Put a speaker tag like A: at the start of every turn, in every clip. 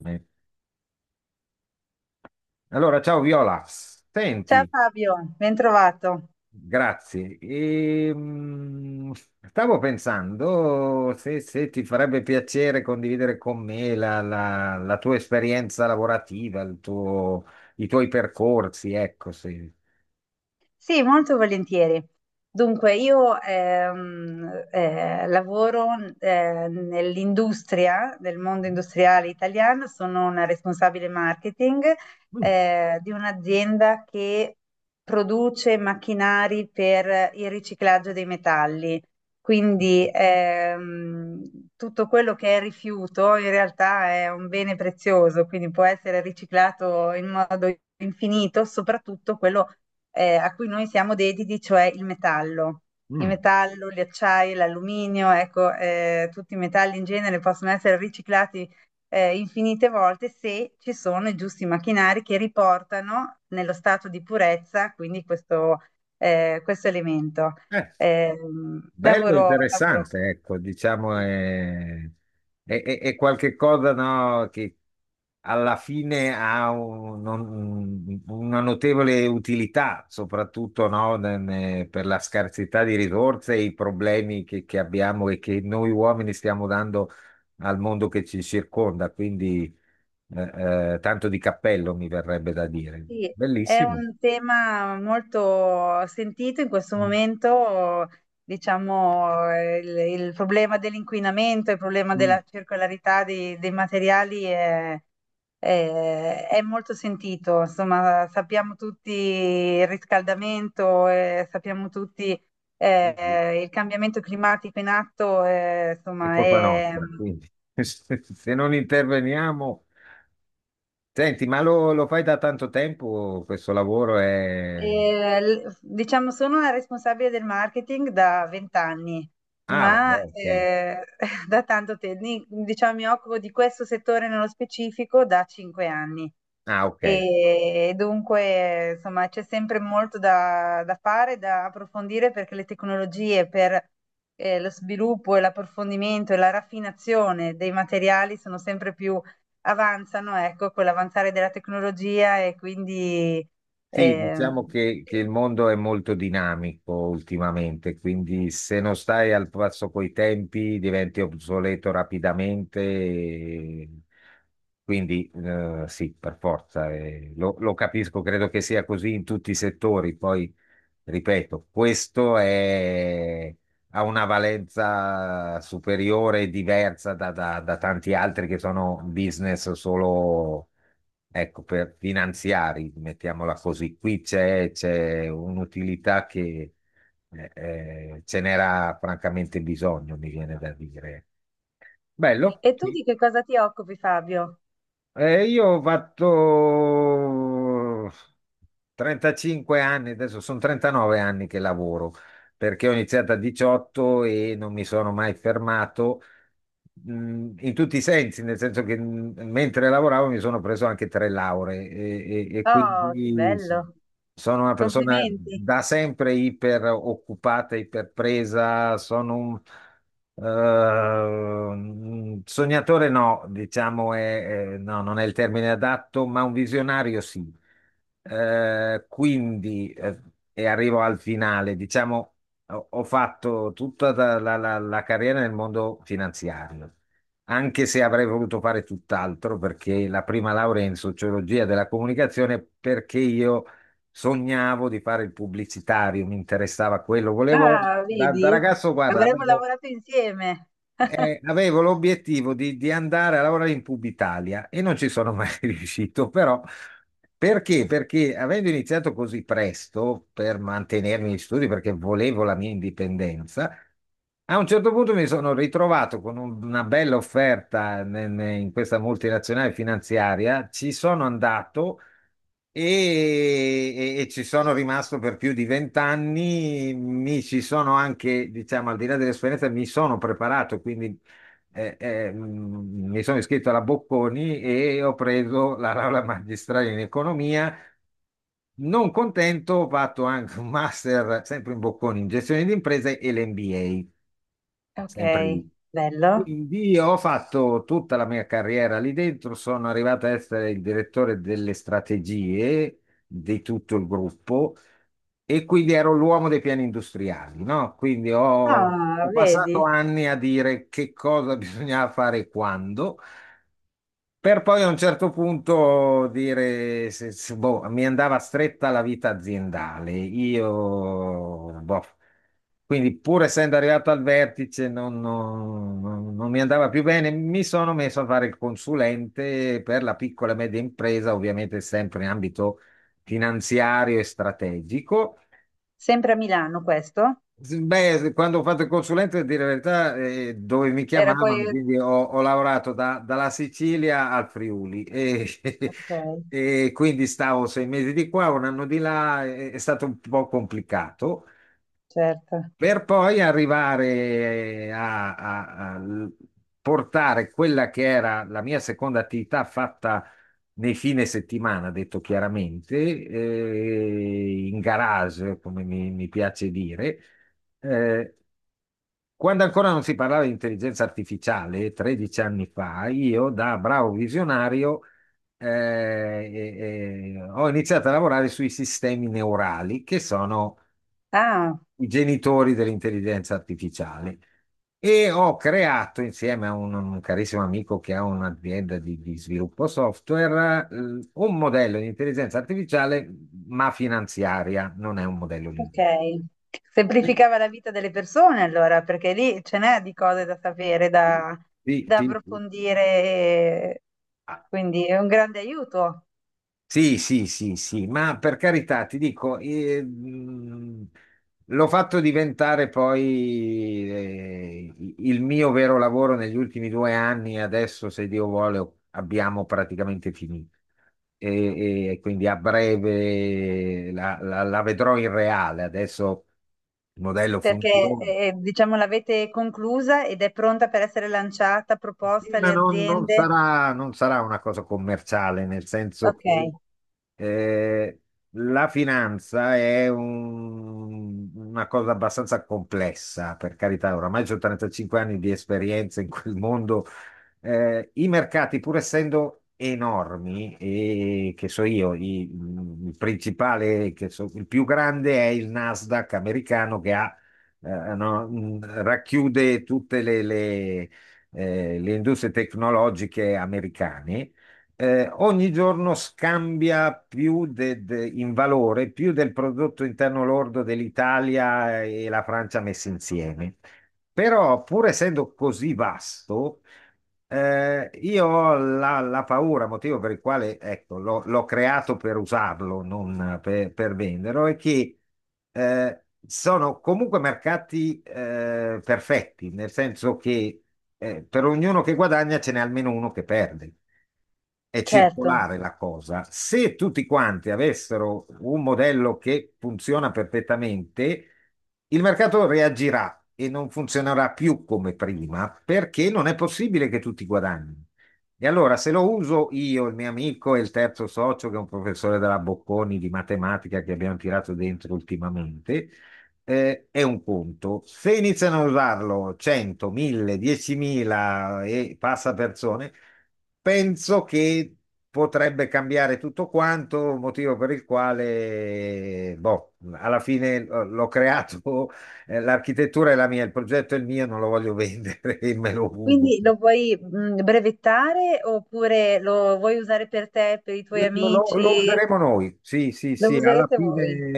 A: Beh. Allora, ciao Viola,
B: Ciao
A: senti,
B: Fabio, ben trovato.
A: grazie. Stavo pensando se ti farebbe piacere condividere con me la tua esperienza lavorativa, i tuoi percorsi, ecco, se.
B: Sì, molto volentieri. Dunque, io lavoro nell'industria, nel mondo industriale italiano, sono una responsabile marketing
A: Mm.
B: di un'azienda che produce macchinari per il riciclaggio dei metalli. Quindi tutto quello che è rifiuto in realtà è un bene prezioso, quindi può essere riciclato in modo infinito, soprattutto quello a cui noi siamo dediti, cioè il metallo. Il
A: Mm.
B: metallo, gli acciai, l'alluminio, ecco, tutti i metalli in genere possono essere riciclati infinite volte se ci sono i giusti macchinari che riportano nello stato di purezza, quindi questo elemento.
A: Eh,
B: Eh,
A: bello e
B: lavoro, lavoro,
A: interessante, ecco, diciamo
B: sì.
A: è qualche cosa, no, che alla fine ha una notevole utilità, soprattutto, no, per la scarsità di risorse e i problemi che abbiamo e che noi uomini stiamo dando al mondo che ci circonda. Quindi tanto di cappello mi verrebbe da dire.
B: Sì, è
A: Bellissimo.
B: un tema molto sentito in questo
A: Mm.
B: momento, diciamo, il problema dell'inquinamento, il problema della circolarità dei materiali è, è molto sentito. Insomma, sappiamo tutti il riscaldamento, sappiamo tutti
A: Mm.
B: il cambiamento climatico in atto,
A: È
B: insomma.
A: colpa nostra, quindi se non interveniamo. Senti, ma lo fai da tanto tempo questo lavoro?
B: Diciamo, sono una responsabile del marketing da 20 anni,
A: Ah, vabbè,
B: ma
A: ok.
B: da tanto tempo, diciamo, mi occupo di questo settore nello specifico da 5 anni.
A: Ah, ok.
B: E dunque, insomma, c'è sempre molto da fare, da approfondire perché le tecnologie per lo sviluppo e l'approfondimento e la raffinazione dei materiali sono sempre più avanzano, ecco, con l'avanzare della tecnologia e quindi...
A: Sì, diciamo
B: ehm,
A: che il mondo è molto dinamico ultimamente, quindi se non stai al passo coi tempi diventi obsoleto rapidamente. Quindi sì, per forza, lo capisco, credo che sia così in tutti i settori. Poi, ripeto, ha una valenza superiore e diversa da da tanti altri che sono business solo, ecco, per finanziari, mettiamola così, qui c'è un'utilità che ce n'era francamente bisogno, mi viene da dire. Bello.
B: E tu
A: Sì.
B: di che cosa ti occupi, Fabio?
A: Io ho fatto 35 anni, adesso sono 39 anni che lavoro, perché ho iniziato a 18 e non mi sono mai fermato, in tutti i sensi, nel senso che, mentre lavoravo mi sono preso anche tre lauree e
B: Oh, che
A: quindi
B: bello!
A: sono una persona
B: Complimenti!
A: da sempre iper occupata, iper presa, sono un sognatore, no, diciamo, no, non è il termine adatto, ma un visionario, sì. Eh, quindi, eh, e arrivo al finale, diciamo, ho fatto tutta la carriera nel mondo finanziario, anche se avrei voluto fare tutt'altro, perché la prima laurea è in sociologia della comunicazione, perché io sognavo di fare il pubblicitario, mi interessava quello, volevo,
B: Ah,
A: da
B: vedi?
A: ragazzo, guarda,
B: Avremmo
A: avevo
B: lavorato insieme.
A: eh, avevo l'obiettivo di andare a lavorare in Pubitalia e non ci sono mai riuscito, però perché? Perché avendo iniziato così presto per mantenermi in studio, perché volevo la mia indipendenza, a un certo punto mi sono ritrovato con una bella offerta in questa multinazionale finanziaria, ci sono andato e, e ci sono rimasto per più di 20 anni, mi ci sono anche, diciamo, al di là dell'esperienza, mi sono preparato, quindi mi sono iscritto alla Bocconi e ho preso la laurea magistrale in economia. Non contento, ho fatto anche un master, sempre in Bocconi, in gestione di imprese e l'MBA,
B: Ok,
A: sempre lì.
B: bello.
A: Quindi ho fatto tutta la mia carriera lì dentro, sono arrivato a essere il direttore delle strategie di tutto il gruppo e quindi ero l'uomo dei piani industriali, no? Quindi ho,
B: Ah,
A: ho
B: vedi?
A: passato anni a dire che cosa bisognava fare e quando, per poi a un certo punto dire, boh, mi andava stretta la vita aziendale. Io, boh, quindi pur essendo arrivato al vertice, non mi andava più bene. Mi sono messo a fare il consulente per la piccola e media impresa, ovviamente sempre in ambito finanziario e strategico.
B: Sempre a Milano questo?
A: Beh, quando ho fatto il consulente, a dire la verità, dove mi
B: Era
A: chiamavano,
B: poi...
A: quindi ho lavorato dalla Sicilia al Friuli, e,
B: Ok,
A: e quindi stavo 6 mesi di qua, un anno di là, è stato un po' complicato,
B: certo.
A: per poi arrivare, eh, a, a- a l- portare quella che era la mia seconda attività fatta nei fine settimana, detto chiaramente, in garage, come mi piace dire, eh, quando ancora non si parlava di intelligenza artificiale, 13 anni fa, io da bravo visionario ho iniziato a lavorare sui sistemi neurali, che sono
B: Ah,
A: i genitori dell'intelligenza artificiale. E ho creato insieme a un carissimo amico che ha un'azienda di sviluppo software, un modello di intelligenza artificiale, ma finanziaria, non è un modello
B: ok.
A: linguistico. Sì,
B: Semplificava la vita delle persone allora, perché lì ce n'è di cose da sapere,
A: sì,
B: da,
A: sì.
B: da
A: Sì, sì.
B: approfondire,
A: Ah,
B: quindi è un grande aiuto.
A: sì, sì, sì, sì, ma per carità, ti dico, l'ho fatto diventare poi, il mio vero lavoro negli ultimi 2 anni, adesso se Dio vuole abbiamo praticamente finito e quindi a breve la vedrò in reale, adesso il modello
B: Perché,
A: funziona.
B: diciamo, l'avete conclusa ed è pronta per essere lanciata,
A: Sì,
B: proposta
A: ma
B: alle aziende?
A: non sarà una cosa commerciale, nel senso
B: Ok,
A: che eh, la finanza è una cosa abbastanza complessa, per carità, oramai ho 35 anni di esperienza in quel mondo. I mercati, pur essendo enormi, e che so io, il principale, il più grande è il Nasdaq americano che ha no, racchiude tutte le industrie tecnologiche americane, ogni giorno scambia più in valore più del prodotto interno lordo dell'Italia e la Francia messi insieme. Però, pur essendo così vasto, io ho la paura, motivo per il quale, ecco, l'ho creato per usarlo, non per venderlo, è che sono comunque mercati, perfetti, nel senso che per ognuno che guadagna ce n'è almeno uno che perde. È
B: certo.
A: circolare la cosa. Se tutti quanti avessero un modello che funziona perfettamente, il mercato reagirà e non funzionerà più come prima perché non è possibile che tutti guadagnino. E allora, se lo uso io, il mio amico e il terzo socio, che è un professore della Bocconi di matematica che abbiamo tirato dentro ultimamente, è un conto. Se iniziano a usarlo 100, 1000, 10.000 e passa persone, penso che potrebbe cambiare tutto quanto, motivo per il quale, boh, alla fine l'ho creato, l'architettura è la mia, il progetto è il mio, non lo voglio vendere e me lo uso.
B: Quindi lo vuoi brevettare oppure lo vuoi usare per te, per i tuoi
A: Lo
B: amici?
A: useremo noi, sì, sì,
B: Lo
A: sì, alla
B: userete voi?
A: fine.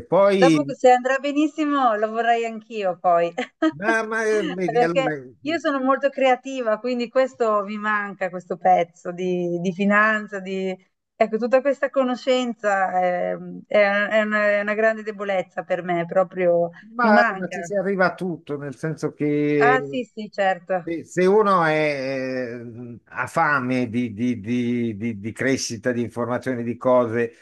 B: Dopo che se andrà benissimo lo vorrei anch'io poi,
A: Vedi, allora,
B: perché io sono molto creativa, quindi questo mi manca, questo pezzo di finanza, di... Ecco, tutta questa conoscenza è una grande debolezza per me, proprio mi
A: ma
B: manca.
A: ci si arriva a tutto, nel senso
B: Ah
A: che
B: sì, sì, certo.
A: se uno è, ha fame di crescita, di informazioni, di cose,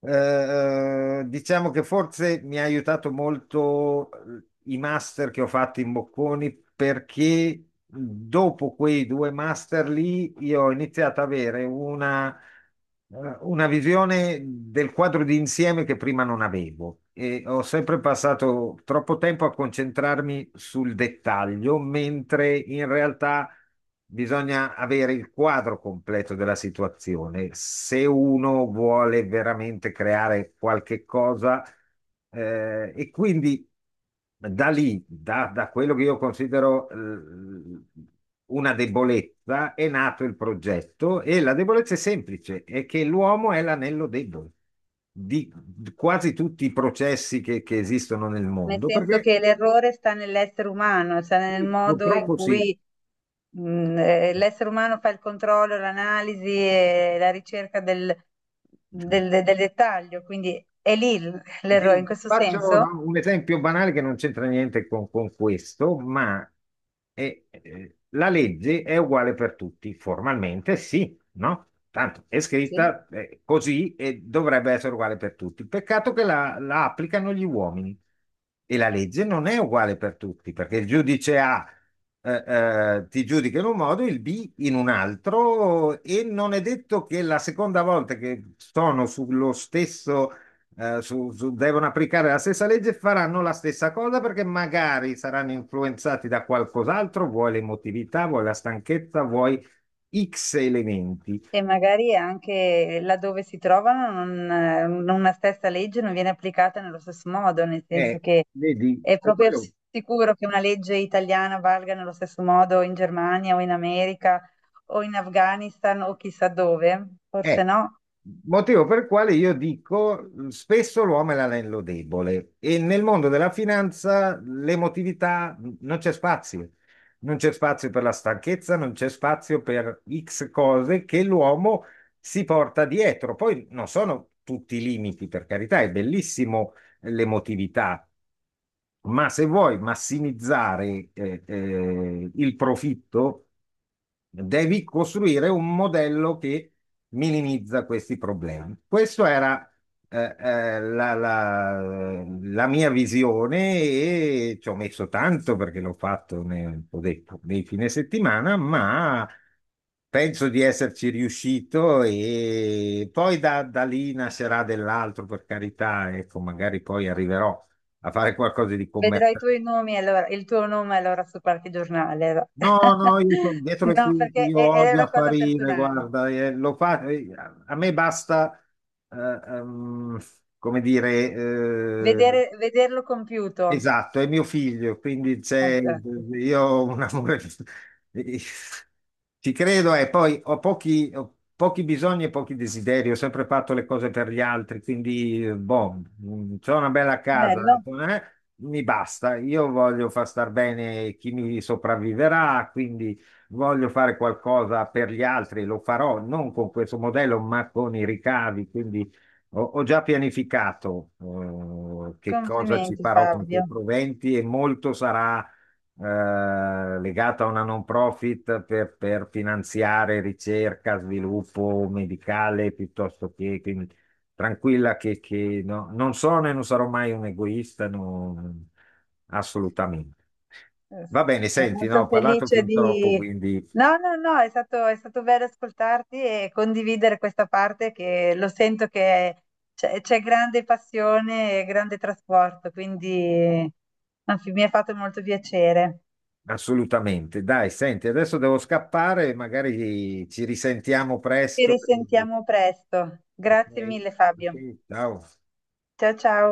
A: eh, diciamo che forse mi ha aiutato molto, i master che ho fatto in Bocconi perché dopo quei due master lì io ho iniziato ad avere, una visione del quadro di insieme che prima non avevo e ho sempre passato troppo tempo a concentrarmi sul dettaglio, mentre in realtà bisogna avere il quadro completo della situazione. Se uno vuole veramente creare qualche cosa, e quindi da lì, da quello che io considero, una debolezza, è nato il progetto e la debolezza è semplice, è che l'uomo è l'anello debole di quasi tutti i processi che esistono nel
B: Nel
A: mondo,
B: senso
A: perché
B: che l'errore sta nell'essere umano, sta nel
A: sì,
B: modo in
A: purtroppo sì.
B: cui l'essere umano fa il controllo, l'analisi e la ricerca del dettaglio, quindi è lì l'errore
A: Ti
B: in
A: ti
B: questo
A: faccio,
B: senso?
A: no, un esempio banale che non c'entra niente con, questo, ma la legge è uguale per tutti, formalmente sì, no? Tanto è
B: Sì.
A: scritta, così e dovrebbe essere uguale per tutti. Peccato che la applicano gli uomini e la legge non è uguale per tutti, perché il giudice A eh, ti giudica in un modo, il B in un altro e non è detto che la seconda volta che sono sullo stesso, devono applicare la stessa legge, faranno la stessa cosa perché magari saranno influenzati da qualcos'altro, vuoi l'emotività, vuoi la stanchezza, vuoi X elementi.
B: E magari anche laddove si trovano una stessa legge non viene applicata nello stesso modo, nel senso
A: Eh,
B: che
A: vedi,
B: è
A: per
B: proprio
A: quello
B: sicuro che una legge italiana valga nello stesso modo in Germania o in America o in Afghanistan o chissà dove, forse
A: Eh,
B: no.
A: motivo per il quale io dico, spesso l'uomo è l'anello debole e nel mondo della finanza l'emotività, non c'è spazio. Non c'è spazio per la stanchezza, non c'è spazio per X cose che l'uomo si porta dietro. Poi non sono tutti i limiti, per carità, è bellissimo, l'emotività, ma se vuoi massimizzare, il profitto devi costruire un modello che minimizza questi problemi. Questa era, eh, eh, la, la- la mia visione e ci ho messo tanto perché l'ho fatto, ho detto, nei fine settimana, ma penso di esserci riuscito e poi da, da, lì nascerà dell'altro, per carità, ecco, magari poi arriverò a fare qualcosa di
B: Vedrò i
A: commerciale.
B: tuoi nomi allora, il tuo nome allora su qualche giornale.
A: No, no, io sono dietro le
B: No,
A: quinte,
B: perché
A: io
B: è
A: odio
B: una cosa
A: apparire,
B: personale.
A: guarda, lo fa, a me basta, eh, ehm, come dire,
B: Vederlo compiuto.
A: esatto, è mio figlio, quindi
B: Esatto.
A: io ho un amore, ci credo e poi ho pochi bisogni e pochi desideri, ho sempre fatto le cose per gli altri, quindi boh, c'ho una bella casa,
B: Bello.
A: eh, mi basta, io voglio far star bene chi mi sopravviverà, quindi voglio fare qualcosa per gli altri, lo farò non con questo modello ma con i ricavi, quindi ho già pianificato, che cosa ci
B: Complimenti
A: farò con quei
B: Fabio.
A: proventi e molto sarà, legato a una non profit per, finanziare ricerca, sviluppo medicale piuttosto che quindi tranquilla che non sono e non sarò mai un egoista, no, assolutamente.
B: Eh
A: Va
B: sì,
A: bene,
B: sono
A: senti, no,
B: molto
A: ho parlato
B: felice
A: fin troppo,
B: di...
A: quindi.
B: No, no, no, è stato bello ascoltarti e condividere questa parte che lo sento che c'è grande passione e grande trasporto, quindi anzi, mi ha fatto molto piacere.
A: Assolutamente. Dai, senti, adesso devo scappare, magari ci risentiamo
B: Ci
A: presto.
B: risentiamo presto.
A: Ok?
B: Grazie mille,
A: Ok,
B: Fabio.
A: ciao.
B: Ciao, ciao.